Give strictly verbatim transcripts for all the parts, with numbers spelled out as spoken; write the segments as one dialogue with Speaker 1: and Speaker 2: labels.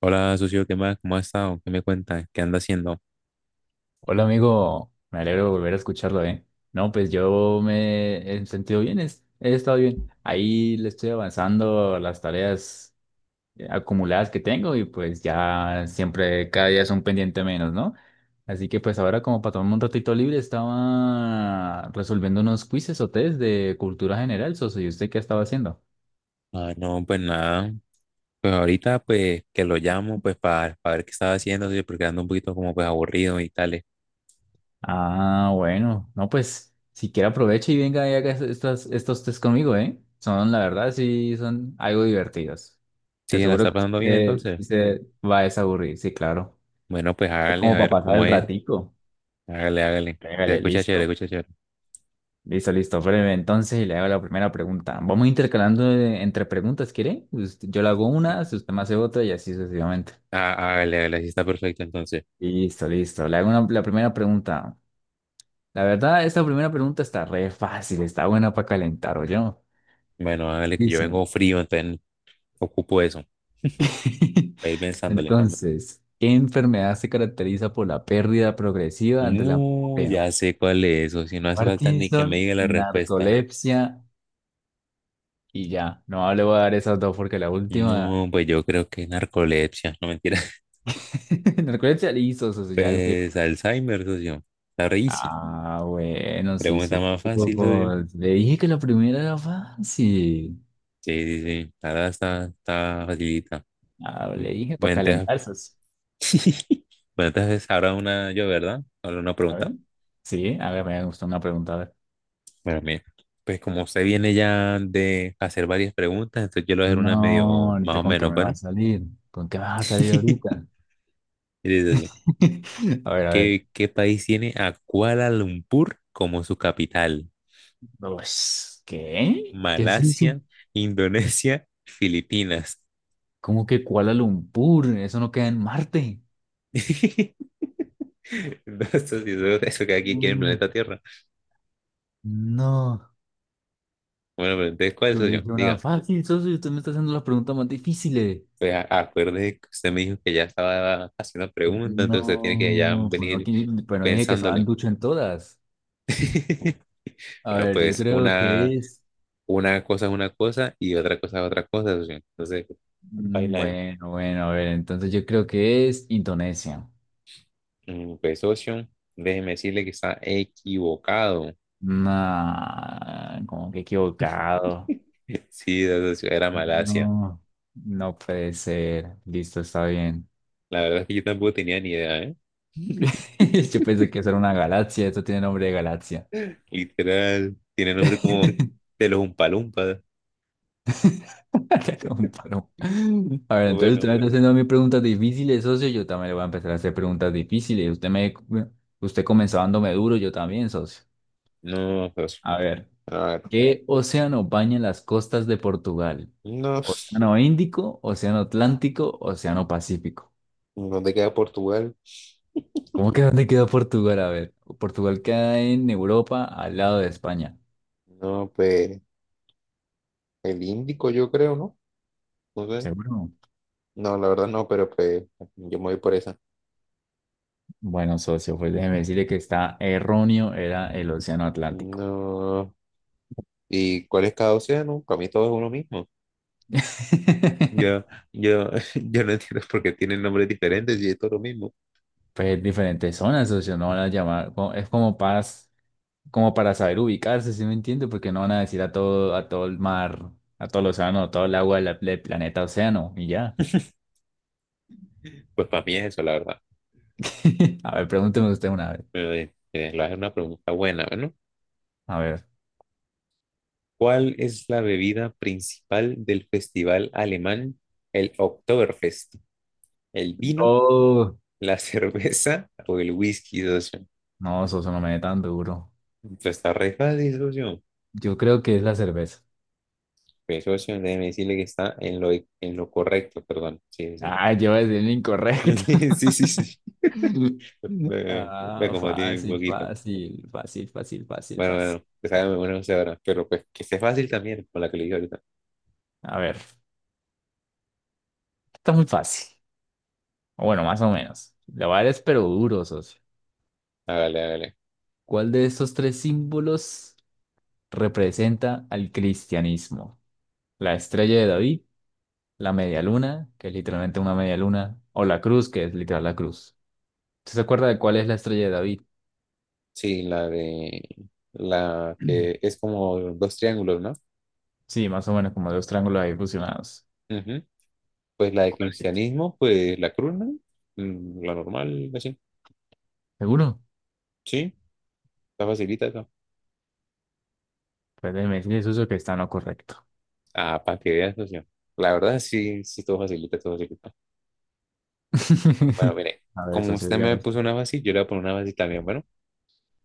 Speaker 1: Hola, socio, ¿qué más? ¿Cómo has estado? ¿Qué me cuentas? ¿Qué anda haciendo?
Speaker 2: Hola amigo, me alegro de volver a escucharlo, ¿eh? No, pues yo me he sentido bien, es- he estado bien. Ahí le estoy avanzando a las tareas eh, acumuladas que tengo y pues ya siempre, cada día es un pendiente menos, ¿no? Así que pues ahora como para tomarme un ratito libre estaba resolviendo unos quizzes o test de cultura general, socio. ¿Y usted qué estaba haciendo?
Speaker 1: Ah, no, pues nada. Pues ahorita, pues, que lo llamo, pues, para, para ver qué estaba haciendo, socio, porque ando un poquito como, pues, aburrido y tales.
Speaker 2: Ah, bueno, no, pues si quiere aproveche y venga y haga estos, estos test conmigo, ¿eh? Son, la verdad, sí, son algo divertidos. Te
Speaker 1: Sí, ¿la
Speaker 2: aseguro
Speaker 1: está
Speaker 2: que
Speaker 1: pasando bien
Speaker 2: usted
Speaker 1: entonces?
Speaker 2: sí se va a desaburrir, sí, claro.
Speaker 1: Bueno, pues
Speaker 2: Es
Speaker 1: hágale, a
Speaker 2: como
Speaker 1: ver
Speaker 2: para pasar
Speaker 1: cómo
Speaker 2: el
Speaker 1: es.
Speaker 2: ratico.
Speaker 1: Hágale, hágale. Se
Speaker 2: Pégale,
Speaker 1: escucha chévere,
Speaker 2: listo.
Speaker 1: escucha chévere.
Speaker 2: Listo, listo. Breve, entonces y le hago la primera pregunta. Vamos intercalando eh, entre preguntas, ¿quiere? Usted- Yo le hago una, si usted me hace otra y así sucesivamente.
Speaker 1: Ah, hágale, hágale, así está perfecto entonces.
Speaker 2: Listo, listo. Le hago una- la primera pregunta. La verdad, esta primera pregunta está re fácil, está buena para calentar, ¿oyó?
Speaker 1: Bueno, hágale, que yo vengo
Speaker 2: Dicen.
Speaker 1: frío, entonces ocupo eso, para ir pensándole.
Speaker 2: Entonces, ¿qué enfermedad se caracteriza por la pérdida progresiva de la
Speaker 1: No,
Speaker 2: memoria?
Speaker 1: ya sé cuál es, o si no hace falta ni que
Speaker 2: Parkinson,
Speaker 1: me diga la respuesta.
Speaker 2: narcolepsia y ya. No le voy a dar esas dos porque la última.
Speaker 1: No, pues yo creo que es narcolepsia, no mentira.
Speaker 2: Narcolepsia le hizo eso, ya estoy.
Speaker 1: Pues Alzheimer, socio. Está re easy.
Speaker 2: Ah, bueno, sí,
Speaker 1: Pregunta
Speaker 2: supo.
Speaker 1: más fácil, socio.
Speaker 2: Pues, le dije que la primera era fácil.
Speaker 1: Sí, sí, sí. Ahora está, está facilita.
Speaker 2: Ah,
Speaker 1: Mm.
Speaker 2: le dije para
Speaker 1: Bueno, entonces,
Speaker 2: calentarse. Sí.
Speaker 1: bueno, entonces ahora una yo, ¿verdad? Ahora una
Speaker 2: A ver.
Speaker 1: pregunta.
Speaker 2: Sí, a ver, me gustó una pregunta. A ver.
Speaker 1: Bueno, mira. Pues como usted viene ya de hacer varias preguntas, entonces yo le voy a hacer una
Speaker 2: No,
Speaker 1: medio más
Speaker 2: ahorita
Speaker 1: o
Speaker 2: con qué
Speaker 1: menos,
Speaker 2: me va a
Speaker 1: bueno.
Speaker 2: salir. ¿Con qué vas a salir ahorita?
Speaker 1: Mire, socio,
Speaker 2: A ver, a ver.
Speaker 1: ¿Qué, qué país tiene a Kuala Lumpur como su capital?
Speaker 2: Pues, ¿qué? ¿Qué es eso?
Speaker 1: Malasia, Indonesia, Filipinas.
Speaker 2: ¿Cómo que Kuala Lumpur? Eso no queda en Marte.
Speaker 1: Entonces esto sí eso que aquí quiere el
Speaker 2: Mm,
Speaker 1: planeta Tierra.
Speaker 2: no,
Speaker 1: Bueno, pero entonces, ¿cuál es
Speaker 2: yo
Speaker 1: soy
Speaker 2: le
Speaker 1: yo?
Speaker 2: hice una
Speaker 1: Diga,
Speaker 2: fácil, socio, y usted me está haciendo las preguntas más difíciles.
Speaker 1: pues a- acuerde que usted me dijo que ya estaba haciendo preguntas, entonces usted tiene que ya
Speaker 2: No, bueno,
Speaker 1: venir
Speaker 2: aquí, bueno, dije que estaban
Speaker 1: pensándole.
Speaker 2: ducho en todas. A
Speaker 1: Bueno,
Speaker 2: ver, yo
Speaker 1: pues
Speaker 2: creo
Speaker 1: una,
Speaker 2: que es.
Speaker 1: una cosa es una cosa y otra cosa es otra cosa, socio. Entonces,
Speaker 2: mm,
Speaker 1: baila ahí.
Speaker 2: Bueno, bueno, a ver, entonces yo creo que es Indonesia.
Speaker 1: Mm, Pues, socio, déjeme decirle que está equivocado.
Speaker 2: Nah, como que equivocado.
Speaker 1: Sí, socio, era Malasia.
Speaker 2: No, no puede ser. Listo, está bien.
Speaker 1: La verdad es que yo tampoco tenía ni idea, ¿eh?
Speaker 2: Yo pensé que eso era una galaxia, esto tiene nombre de galaxia.
Speaker 1: Literal, tiene nombre como de los Umpalumpas.
Speaker 2: Te lo comparo. A ver, entonces usted
Speaker 1: Bueno,
Speaker 2: me está haciendo a mí preguntas difíciles, socio. Yo también le voy a empezar a hacer preguntas difíciles. Usted me, usted comenzó dándome duro, yo también, socio.
Speaker 1: no, pues,
Speaker 2: A ver,
Speaker 1: a ver,
Speaker 2: ¿qué océano baña las costas de Portugal?
Speaker 1: no,
Speaker 2: ¿Océano Índico, Océano Atlántico, Océano Pacífico?
Speaker 1: ¿dónde queda Portugal?
Speaker 2: ¿Cómo que dónde queda Portugal? A ver, Portugal queda en Europa, al lado de España.
Speaker 1: No, pues, el Índico, yo creo, ¿no? No sé.
Speaker 2: ¿Seguro?
Speaker 1: No, la verdad no, pero pues, yo me voy por esa.
Speaker 2: Bueno, socio, pues déjeme decirle que está erróneo, era el Océano Atlántico.
Speaker 1: No, ¿y cuál es cada océano? Para mí todo es uno mismo. Yo, yo, yo no entiendo por qué tienen nombres diferentes y es todo lo mismo.
Speaker 2: Pues diferentes zonas, socio, no van a llamar, co- es como para, como para saber ubicarse, ¿sí me entiende? Porque no van a decir a todo, a todo el mar, a todo el océano, a todo el agua del, del planeta océano, y ya.
Speaker 1: Pues para mí es eso, la verdad.
Speaker 2: A ver, pregúnteme usted una vez.
Speaker 1: Pero, eh, eh, la es una pregunta buena, ¿no?
Speaker 2: A ver.
Speaker 1: ¿Cuál es la bebida principal del festival alemán, el Oktoberfest? ¿El vino,
Speaker 2: Oh,
Speaker 1: la cerveza o el whisky, socio?
Speaker 2: no, socio, no me dé tan duro.
Speaker 1: Pues está re fácil, socio.
Speaker 2: Yo creo que es la cerveza.
Speaker 1: Pues, socio, déjeme decirle que está en lo, en lo correcto, perdón. Sí, sí.
Speaker 2: Ah, yo voy a decir el incorrecto.
Speaker 1: Sí, sí, sí. Me, me
Speaker 2: Ah,
Speaker 1: confundí un
Speaker 2: fácil,
Speaker 1: poquito.
Speaker 2: fácil, fácil, fácil, fácil,
Speaker 1: Bueno,
Speaker 2: fácil.
Speaker 1: bueno, pues hágame una usted ahora. Pero pues que sea fácil también, con la que le dije ahorita.
Speaker 2: A ver, está muy fácil. O bueno, más o menos. La voy a dar es pero duro, socio.
Speaker 1: Hágale, hágale.
Speaker 2: ¿Cuál de estos tres símbolos representa al cristianismo? La estrella de David, la media luna, que es literalmente una media luna, o la cruz, que es literal la cruz. ¿Usted se acuerda de cuál es la estrella de David?
Speaker 1: Sí, la de... La que es como dos triángulos, ¿no?
Speaker 2: Sí, más o menos como dos triángulos ahí fusionados.
Speaker 1: Ujú. Pues la de
Speaker 2: ¿Cuál es?
Speaker 1: cristianismo, pues la cruz, ¿no? Mm, La normal, así.
Speaker 2: ¿Seguro?
Speaker 1: Sí, está facilita esa.
Speaker 2: Pues déjeme decirle, socio, que está en lo correcto.
Speaker 1: Ah, para que veas, socio. La verdad, sí, sí, todo facilita, todo facilita. Bueno, mire,
Speaker 2: A ver,
Speaker 1: como
Speaker 2: socio,
Speaker 1: usted me
Speaker 2: dígame
Speaker 1: puso
Speaker 2: usted.
Speaker 1: una fácil, yo le voy a poner una fácil también, bueno.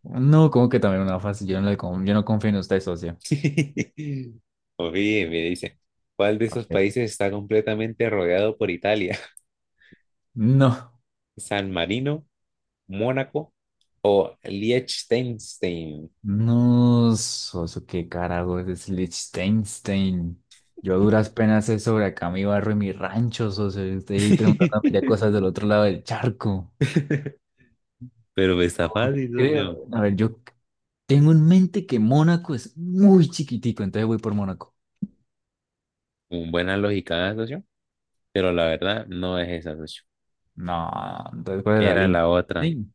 Speaker 2: No, como que también una fácil. Yo no, le con- yo no confío en usted, socio.
Speaker 1: Oye, me dice, ¿cuál de
Speaker 2: A
Speaker 1: esos
Speaker 2: ver.
Speaker 1: países está completamente rodeado por Italia?
Speaker 2: No,
Speaker 1: ¿San Marino, Mónaco o Liechtenstein?
Speaker 2: no, socio, qué carajo es Liechtenstein. Yo a duras penas sé sobre acá mi barrio y mi rancho, socio. Y usted ahí preguntándome ya cosas del otro lado del charco.
Speaker 1: Pero pues, está fácil, socio.
Speaker 2: Creo. A ver, yo tengo en mente que Mónaco es muy chiquitico, entonces voy por Mónaco.
Speaker 1: Con buena lógica, ¿eh, socio? Pero la verdad no es esa, socio.
Speaker 2: No, entonces, ¿cuál es la
Speaker 1: Era
Speaker 2: línea?
Speaker 1: la otra,
Speaker 2: Sí.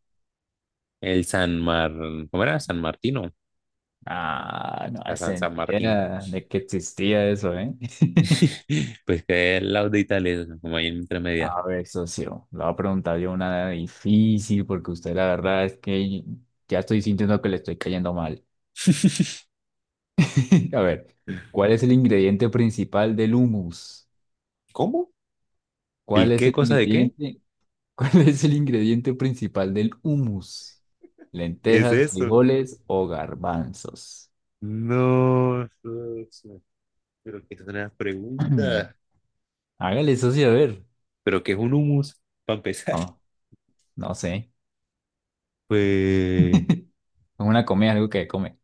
Speaker 1: el San Mar, ¿cómo era? San Martino,
Speaker 2: Ah, no
Speaker 1: la San,
Speaker 2: hacen
Speaker 1: San Martino.
Speaker 2: idea de que existía eso, ¿eh?
Speaker 1: Pues que es el lado de Italia, socio, como ahí en intermedia.
Speaker 2: A ver, socio, le voy a preguntar yo una difícil porque usted la verdad es que ya estoy sintiendo que le estoy cayendo mal. A ver, ¿cuál es el ingrediente principal del hummus?
Speaker 1: ¿Cómo?
Speaker 2: ¿Cuál
Speaker 1: ¿El
Speaker 2: es
Speaker 1: qué
Speaker 2: el
Speaker 1: cosa de qué?
Speaker 2: ingrediente? ¿Cuál es el ingrediente principal del hummus?
Speaker 1: ¿Qué es
Speaker 2: ¿Lentejas,
Speaker 1: eso?
Speaker 2: frijoles o garbanzos?
Speaker 1: No, socio, pero que es una pregunta.
Speaker 2: Hágale, socio, a ver.
Speaker 1: ¿Pero qué es un humus? Para empezar.
Speaker 2: No, no sé.
Speaker 1: Pues,
Speaker 2: Es una comida, algo que come.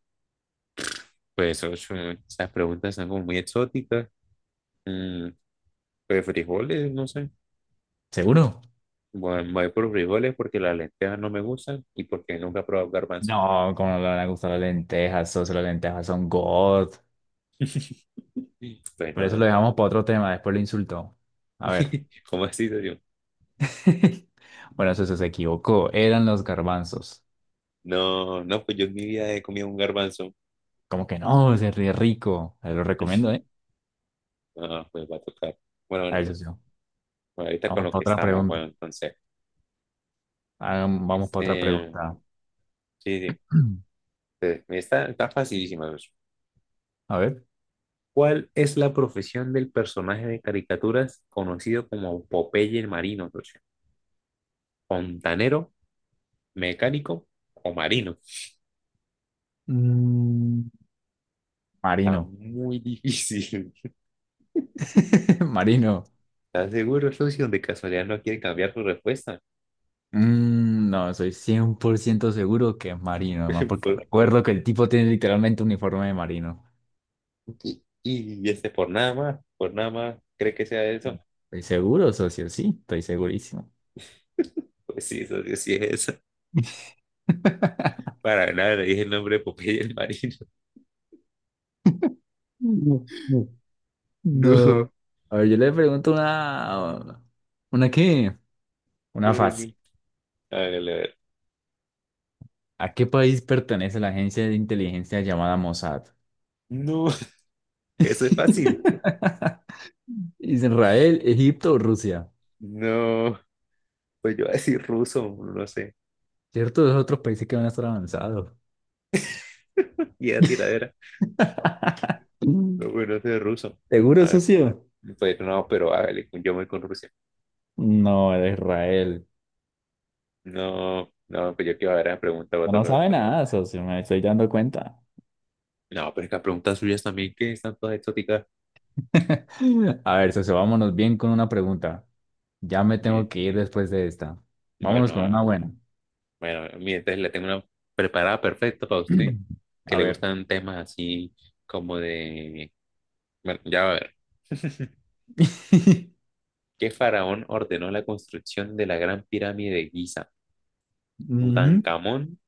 Speaker 1: pues socio, esas preguntas son como muy exóticas. Mm, pues frijoles, no sé.
Speaker 2: ¿Seguro?
Speaker 1: Bueno, me voy por frijoles porque las lentejas no me gustan y porque nunca he probado garbanzo.
Speaker 2: No, como no le van a gustar las lentejas, socio, las lentejas son God.
Speaker 1: Pues
Speaker 2: Pero
Speaker 1: no,
Speaker 2: eso lo
Speaker 1: no.
Speaker 2: dejamos para otro tema, después lo insultó. A ver.
Speaker 1: ¿Cómo así, serio?
Speaker 2: Bueno, socio, se equivocó. Eran los garbanzos.
Speaker 1: No, no, pues yo en mi vida he comido un garbanzo.
Speaker 2: Como que no, se ríe rico. Se lo recomiendo, ¿eh?
Speaker 1: Ah, pues va a tocar. Bueno,
Speaker 2: A ver,
Speaker 1: bueno,
Speaker 2: socio.
Speaker 1: bueno, ahorita con
Speaker 2: Vamos
Speaker 1: lo
Speaker 2: para
Speaker 1: que
Speaker 2: otra
Speaker 1: estamos,
Speaker 2: pregunta.
Speaker 1: bueno, entonces.
Speaker 2: Hagam- Vamos para otra
Speaker 1: Este,
Speaker 2: pregunta.
Speaker 1: sí, sí. Entonces, está, está facilísima, pues.
Speaker 2: A ver.
Speaker 1: ¿Cuál es la profesión del personaje de caricaturas conocido como Popeye el Marino, socio? ¿Fontanero, mecánico o marino?
Speaker 2: Mm,
Speaker 1: Está
Speaker 2: Marino.
Speaker 1: muy difícil.
Speaker 2: Marino.
Speaker 1: ¿Estás seguro, socio? De casualidad no quiere cambiar su respuesta.
Speaker 2: Mm, no, soy cien por ciento seguro que es marino, además porque
Speaker 1: Por-
Speaker 2: recuerdo que el tipo tiene literalmente un uniforme de marino.
Speaker 1: y, y este, por nada más, por nada más, ¿cree que sea eso?
Speaker 2: Estoy seguro, socio, sí, estoy segurísimo.
Speaker 1: Pues sí, socio, sí es eso. Para nada, le dije el nombre de Popeye el marino.
Speaker 2: No. no.
Speaker 1: No,
Speaker 2: No. A ver, yo le pregunto una... ¿Una qué? Una
Speaker 1: ay,
Speaker 2: fácil.
Speaker 1: no. Hágale, a ver.
Speaker 2: ¿A qué país pertenece la agencia de inteligencia llamada Mossad?
Speaker 1: No, eso es fácil.
Speaker 2: Israel, Egipto o Rusia.
Speaker 1: No, pues yo voy a decir ruso, no sé.
Speaker 2: Cierto, esos otros países que van a estar avanzados.
Speaker 1: Y a tiradera. No, bueno, eso es ruso.
Speaker 2: ¿Seguro,
Speaker 1: A ver,
Speaker 2: socio?
Speaker 1: pues no, pero hágale, yo voy con Rusia.
Speaker 2: No, era Israel.
Speaker 1: No, no, pues yo quiero ver la pregunta
Speaker 2: No,
Speaker 1: otra
Speaker 2: no
Speaker 1: vez.
Speaker 2: sabe nada, socio, me estoy dando cuenta.
Speaker 1: No, pero es que las preguntas suyas también, que están todas exóticas.
Speaker 2: A ver, socio, vámonos bien con una pregunta. Ya me tengo
Speaker 1: Me
Speaker 2: que ir después de esta. Vámonos
Speaker 1: bueno,
Speaker 2: con
Speaker 1: ah,
Speaker 2: una buena.
Speaker 1: bueno, mire, entonces le tengo una preparada perfecta para usted, que
Speaker 2: A
Speaker 1: le
Speaker 2: ver.
Speaker 1: gustan temas así como de... Bueno, ya va a ver. ¿Qué faraón ordenó la construcción de la Gran Pirámide de Giza?
Speaker 2: Ujú.
Speaker 1: ¿Tutankamón,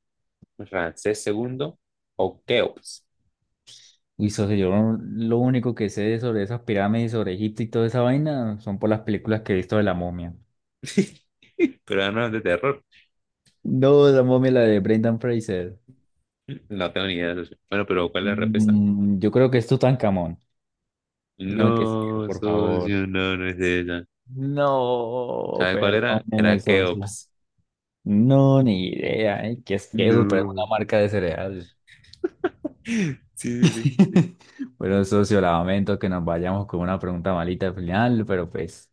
Speaker 1: Ramsés segundo o Keops?
Speaker 2: Uy, socio, yo no- lo único que sé sobre esas pirámides, sobre Egipto y toda esa vaina son por las películas que he visto de la momia.
Speaker 1: Pero no es de terror.
Speaker 2: No, la momia, la de Brendan Fraser.
Speaker 1: No tengo ni idea, socio. Bueno, pero ¿cuál es la respuesta?
Speaker 2: Mm, yo creo que es Tutankamón. Dígame que sí,
Speaker 1: No,
Speaker 2: por favor.
Speaker 1: socio, no, no es de ella.
Speaker 2: No,
Speaker 1: ¿Sabe cuál era?
Speaker 2: perdónenme,
Speaker 1: Era
Speaker 2: socio.
Speaker 1: Keops.
Speaker 2: No, ni idea, ¿eh? ¿Qué es que Pero es una
Speaker 1: No.
Speaker 2: marca de cereal.
Speaker 1: Sí, sí, sí.
Speaker 2: Bueno, socio, lamento que nos vayamos con una pregunta malita al final, pero pues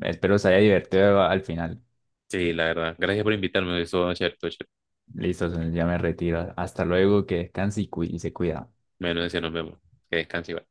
Speaker 2: espero se haya divertido al final.
Speaker 1: Sí, la verdad. Gracias por invitarme. Eso va a ser todo chévere.
Speaker 2: Listo, socio, ya me retiro. Hasta luego, que descanse y, cu- y se cuida.
Speaker 1: Bueno, decía, nos vemos. Que descanse, Iván.